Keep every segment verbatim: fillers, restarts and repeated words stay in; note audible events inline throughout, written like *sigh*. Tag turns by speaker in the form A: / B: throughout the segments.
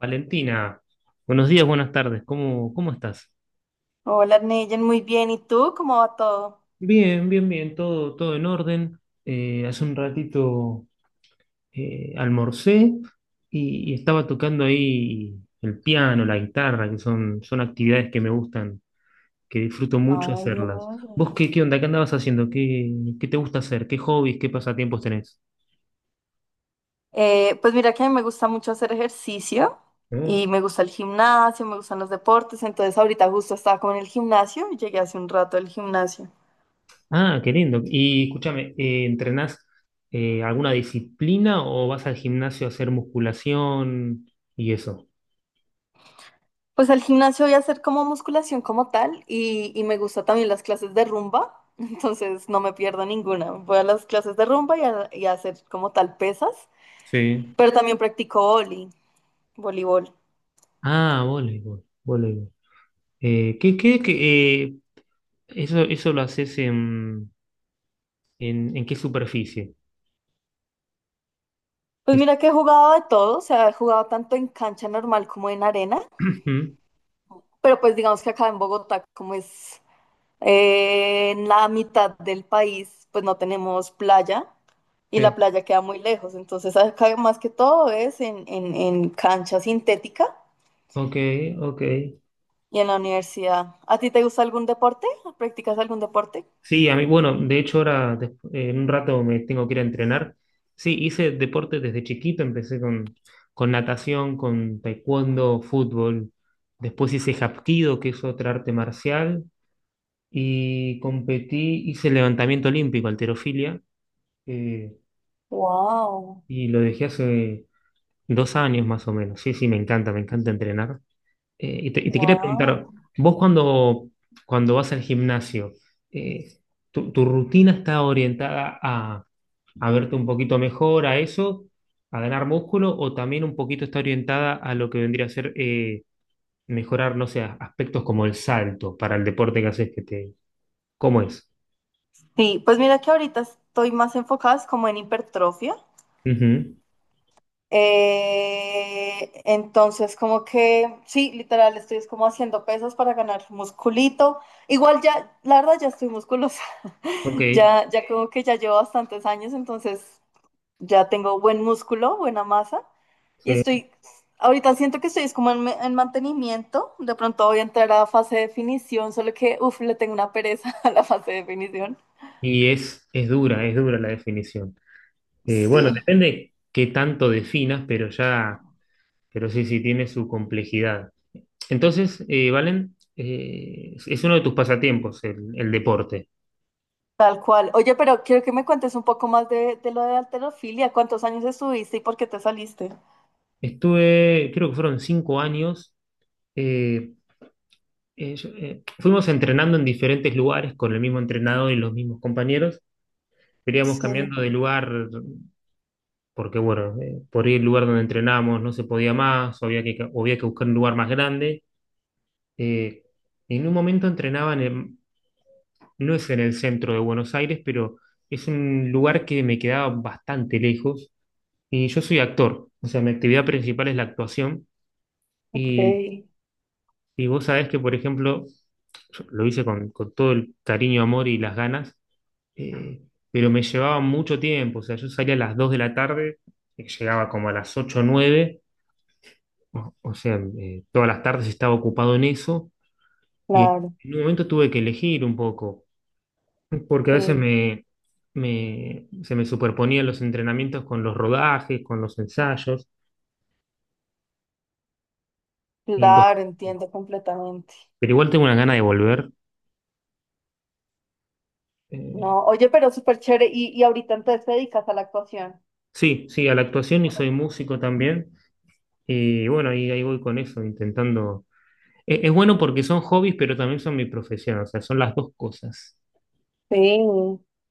A: Valentina, buenos días, buenas tardes, ¿cómo, cómo estás?
B: Hola, Neyen, muy bien. ¿Y tú? ¿Cómo va todo?
A: Bien, bien, bien, todo, todo en orden. Eh, hace un ratito eh, almorcé y, y estaba tocando ahí el piano, la guitarra, que son, son actividades que me gustan, que disfruto mucho
B: Ay,
A: hacerlas.
B: hola.
A: ¿Vos qué, qué onda? ¿Qué andabas haciendo? ¿Qué, qué te gusta hacer? ¿Qué hobbies, qué pasatiempos tenés?
B: Eh, pues mira que a mí me gusta mucho hacer ejercicio y me gusta el gimnasio, me gustan los deportes, entonces ahorita justo estaba como en el gimnasio y llegué hace un rato del gimnasio.
A: Ah, qué lindo. Y escúchame, eh, ¿entrenás eh, alguna disciplina o vas al gimnasio a hacer musculación y eso?
B: Pues al gimnasio voy a hacer como musculación como tal y, y me gusta también las clases de rumba, *laughs* entonces no me pierdo ninguna. Voy a las clases de rumba y a, y a hacer como tal pesas,
A: Sí.
B: pero también practico vóley, voleibol.
A: Ah, voleibol, voleibol. Eh, ¿qué, qué, qué, eh, eso, eso lo haces en, en, en, qué superficie?
B: Pues
A: Es-
B: mira que he jugado de todo, o sea, he jugado tanto en cancha normal como en arena,
A: *clears throat* Ujú.
B: pero pues digamos que acá en Bogotá, como es eh, en la mitad del país, pues no tenemos playa y la
A: Sí.
B: playa queda muy lejos, entonces acá más que todo es en, en, en cancha sintética
A: Ok, ok.
B: y en la universidad. ¿A ti te gusta algún deporte? ¿Practicas algún deporte?
A: Sí, a mí, bueno, de hecho ahora des- eh, en un rato me tengo que ir a entrenar. Sí, hice deporte desde chiquito, empecé con, con natación, con taekwondo, fútbol. Después hice hapkido, que es otra arte marcial, y competí, hice levantamiento olímpico, halterofilia, eh,
B: Wow,
A: y lo dejé hace dos años más o menos. Sí, sí, me encanta, me encanta entrenar. Eh, y te, y te, quería
B: wow.
A: preguntar, vos cuando, cuando vas al gimnasio, eh, tu, tu rutina está orientada a a verte un poquito mejor, a eso, a ganar músculo, o también un poquito está orientada a lo que vendría a ser eh, mejorar, no sé, aspectos como el salto para el deporte que haces que te... ¿Cómo es?
B: Sí, pues mira que ahorita estoy más enfocada es como en hipertrofia.
A: Ujú.
B: Eh, entonces, como que, sí, literal, estoy es como haciendo pesas para ganar musculito. Igual ya, la verdad, ya estoy musculosa.
A: Ok,
B: *laughs* Ya, ya como que ya llevo bastantes años, entonces ya tengo buen músculo, buena masa. Y
A: sí.
B: estoy, ahorita siento que estoy es como en, en mantenimiento. De pronto voy a entrar a fase de definición, solo que, uff, le tengo una pereza *laughs* a la fase de definición.
A: Y es, es dura, es dura la definición. Eh, bueno,
B: Sí.
A: depende qué tanto definas, pero ya, pero sí, sí, tiene su complejidad. Entonces, eh, Valen, eh, es uno de tus pasatiempos el, el deporte.
B: Tal cual. Oye, pero quiero que me cuentes un poco más de, de lo de alterofilia. ¿Cuántos años estuviste y por qué te saliste?
A: Estuve, creo que fueron cinco años eh, eh, yo- eh, fuimos entrenando en diferentes lugares con el mismo entrenador y los mismos compañeros. Pero íbamos
B: Sí,
A: cambiando de lugar porque, bueno, eh, por ahí el lugar donde entrenábamos no se podía más, o había que, o había que buscar un lugar más grande. Eh, en un momento entrenaban, en, no es en el centro de Buenos Aires, pero es un lugar que me quedaba bastante lejos. Y yo soy actor, o sea, mi actividad principal es la actuación.
B: ok,
A: Y, y vos sabés que, por ejemplo, yo lo hice con, con todo el cariño, amor y las ganas eh, pero me llevaba mucho tiempo, o sea, yo salía a las dos de la tarde, eh, llegaba como a las ocho o nueve, o, o sea, eh, todas las tardes estaba ocupado en eso, y
B: claro,
A: en un momento tuve que elegir un poco, porque a veces
B: sí,
A: me, me- se me superponían los entrenamientos con los rodajes, con los ensayos, y-
B: claro, entiendo completamente.
A: pero igual tengo una gana de volver. eh,
B: No, oye, pero súper chévere. ¿Y, y ahorita entonces te dedicas a la actuación?
A: sí, sí, a la actuación y soy músico también, y bueno, ahí, ahí voy con eso, intentando. Eh, Es bueno porque son hobbies, pero también son mi profesión, o sea, son las dos cosas.
B: Sí.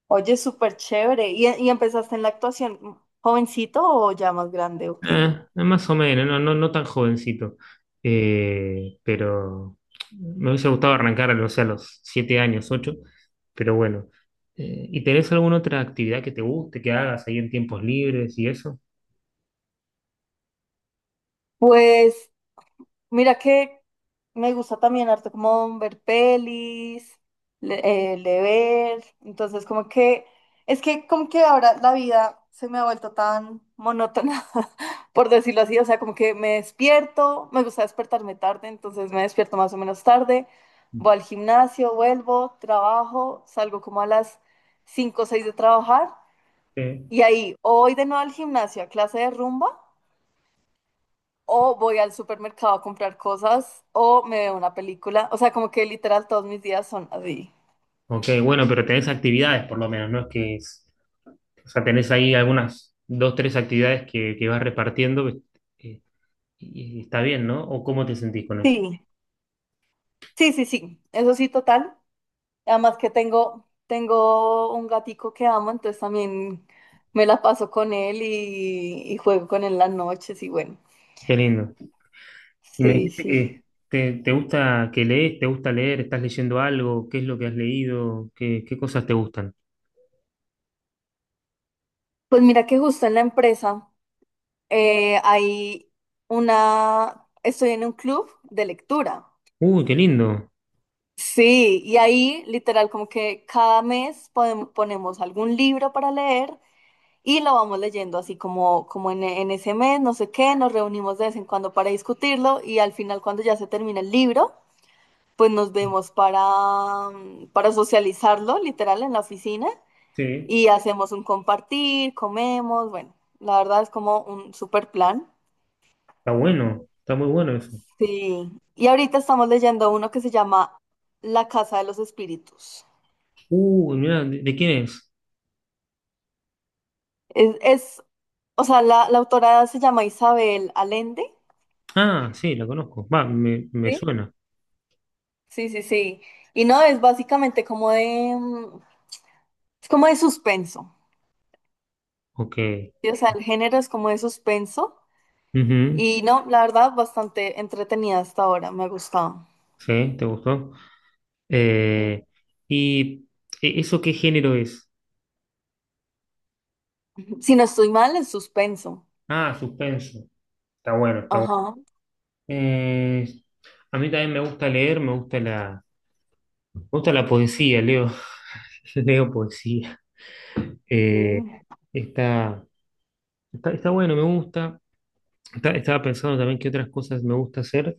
B: Oye, súper chévere. ¿Y, y empezaste en la actuación jovencito o ya más grande? Ok.
A: Ah, más o menos, no, no, no tan jovencito. Eh, pero me hubiese gustado arrancar, a los- a los siete años, ocho, pero bueno. Eh, ¿y tenés alguna otra actividad que te guste, que hagas ahí en tiempos libres y eso?
B: Pues mira que me gusta también harto como ver pelis, le- eh, leer, entonces como que, es que como que ahora la vida se me ha vuelto tan monótona, *laughs* por decirlo así, o sea, como que me despierto, me gusta despertarme tarde, entonces me despierto más o menos tarde, voy al gimnasio, vuelvo, trabajo, salgo como a las cinco o seis de trabajar
A: Sí.
B: y ahí o voy de nuevo al gimnasio a clase de rumba o voy al supermercado a comprar cosas o me veo una película. O sea, como que literal todos mis días son así.
A: Ok, bueno, pero tenés actividades por lo menos, ¿no? Es que es- o sea, tenés ahí algunas, dos, tres actividades que, que vas repartiendo, eh, y, y está bien, ¿no? ¿O cómo te sentís con eso?
B: Sí, sí, sí, sí. Eso sí, total. Además que tengo, tengo un gatico que amo, entonces también me la paso con él y, y juego con él las noches y bueno.
A: Qué lindo. Y me
B: Sí,
A: dijiste
B: sí.
A: que te, te, gusta que lees, te gusta leer, estás leyendo algo, qué es lo que has leído, qué, qué cosas te gustan.
B: Pues mira que justo en la empresa eh, hay una, estoy en un club de lectura.
A: Uy, qué lindo.
B: Sí, y ahí literal como que cada mes podem- ponemos algún libro para leer y lo vamos leyendo así como, como en, en ese mes, no sé qué, nos reunimos de vez en cuando para discutirlo y al final cuando ya se termina el libro, pues nos vemos para, mm, para socializarlo literal en la oficina
A: Sí,
B: y hacemos un compartir, comemos, bueno, la verdad es como un super plan.
A: está bueno, está muy bueno eso.
B: Sí, y ahorita estamos leyendo uno que se llama La Casa de los Espíritus.
A: Uy, mira, ¿de, de quién es?
B: Es, es o sea, la, la autora se llama Isabel Allende.
A: Ah, sí, la conozco. Va, me, me
B: ¿Sí?
A: suena.
B: Sí, sí, sí. Y no, es básicamente como de, mm, es como de suspenso.
A: Ok.
B: ¿Sí? O sea, el género es como de suspenso.
A: Ujú.
B: Y no, la verdad, bastante entretenida hasta ahora, me ha gustado.
A: Sí, ¿te gustó?
B: Ujú.
A: Eh, ¿Y e- eso qué género es?
B: Si no estoy mal, es suspenso.
A: Ah, suspenso. Está bueno, está bueno.
B: Ajá,
A: Eh, a mí también me gusta leer, me gusta la. Me gusta la poesía, leo, *laughs* leo poesía.
B: sí,
A: Eh, está, está, está bueno, me gusta. Está- estaba pensando también qué otras cosas me gusta hacer.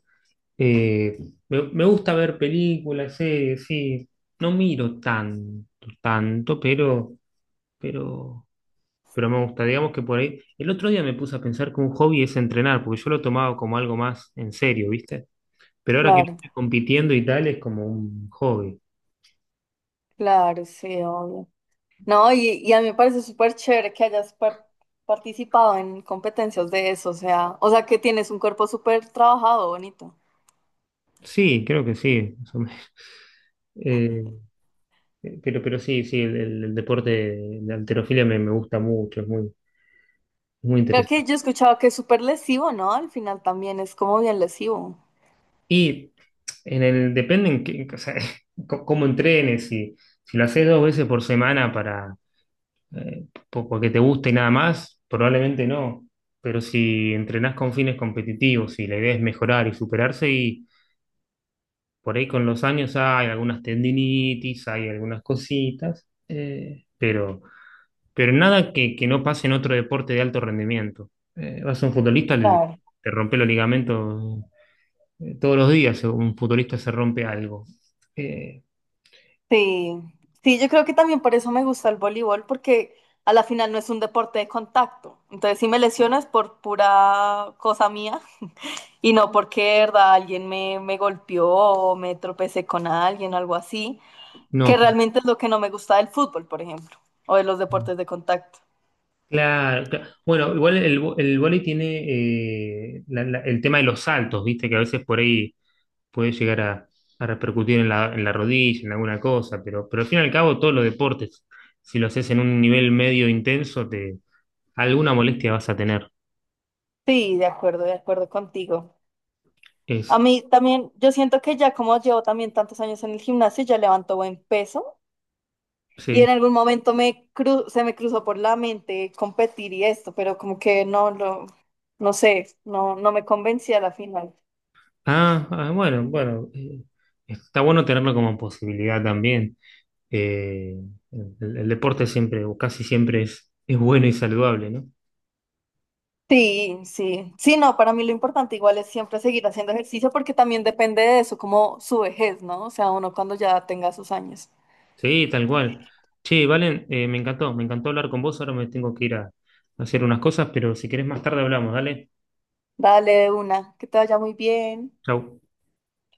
A: Eh, me, me gusta ver películas, series, sí. No miro tanto, tanto, pero, pero, pero, me gusta. Digamos que por ahí. El otro día me puse a pensar que un hobby es entrenar, porque yo lo tomaba como algo más en serio, ¿viste? Pero ahora que no
B: claro,
A: estoy compitiendo y tal, es como un hobby.
B: claro, sí, obvio. No, y, y a mí me parece súper chévere que hayas par- participado en competencias de eso, o sea, o sea que tienes un cuerpo súper trabajado, bonito.
A: Sí, creo que sí, más o menos. *laughs* Eh, Eh, Pero, pero sí, sí, el, el- el deporte de de halterofilia me, me gusta mucho, es muy, muy
B: Creo
A: interesante.
B: que yo he escuchado que es súper lesivo, ¿no? Al final también es como bien lesivo.
A: Y en el, depende en qué- o sea, *laughs* co- cómo entrenes, si, si lo haces dos veces por semana para, eh, po- porque te gusta y nada más, probablemente no. Pero si entrenás con fines competitivos y la idea es mejorar y superarse, y por ahí con los años hay algunas tendinitis, hay algunas cositas, eh, pero. Pero nada que, que no pase en otro deporte de alto rendimiento. Eh, vas a un futbolista, le-
B: Claro.
A: te rompe los ligamentos eh, todos los días, eh, un futbolista se rompe algo. Eh,
B: Sí, sí, yo creo que también por eso me gusta el voleibol, porque a la final no es un deporte de contacto. Entonces, si me lesiono es por pura cosa mía y no porque, de ¿verdad? Alguien me, me golpeó o me tropecé con alguien o algo así, que
A: no,
B: realmente es lo que no me gusta del fútbol, por ejemplo, o de los deportes de contacto.
A: claro, cla- bueno, igual el, vo- el vóley tiene eh, la- la- el tema de los saltos, viste, que a veces por ahí puede llegar a, a repercutir en la, en la rodilla, en alguna cosa, pero, pero al fin y al cabo todos los deportes, si lo haces en un nivel medio intenso, te, alguna molestia vas a tener.
B: Sí, de acuerdo, de acuerdo contigo. A
A: Es,
B: mí también, yo siento que ya como llevo también tantos años en el gimnasio, ya levanto buen peso y en
A: sí.
B: algún momento me cru- se me cruzó por la mente competir y esto, pero como que no lo, no sé, no, no me convencí a la final.
A: Ah, ah, bueno, bueno, eh, está bueno tenerlo como posibilidad también. Eh, el, el deporte siempre, o casi siempre es, es bueno y saludable, ¿no?
B: Sí, sí, sí, no, para mí lo importante igual es siempre seguir haciendo ejercicio porque también depende de eso, como su vejez, ¿no? O sea, uno cuando ya tenga sus años.
A: Sí, tal cual. Che, Valen, eh, me encantó, me encantó hablar con vos, ahora me tengo que ir a, a, hacer unas cosas, pero si querés más tarde hablamos, dale.
B: Dale de una, que te vaya muy bien.
A: Chau.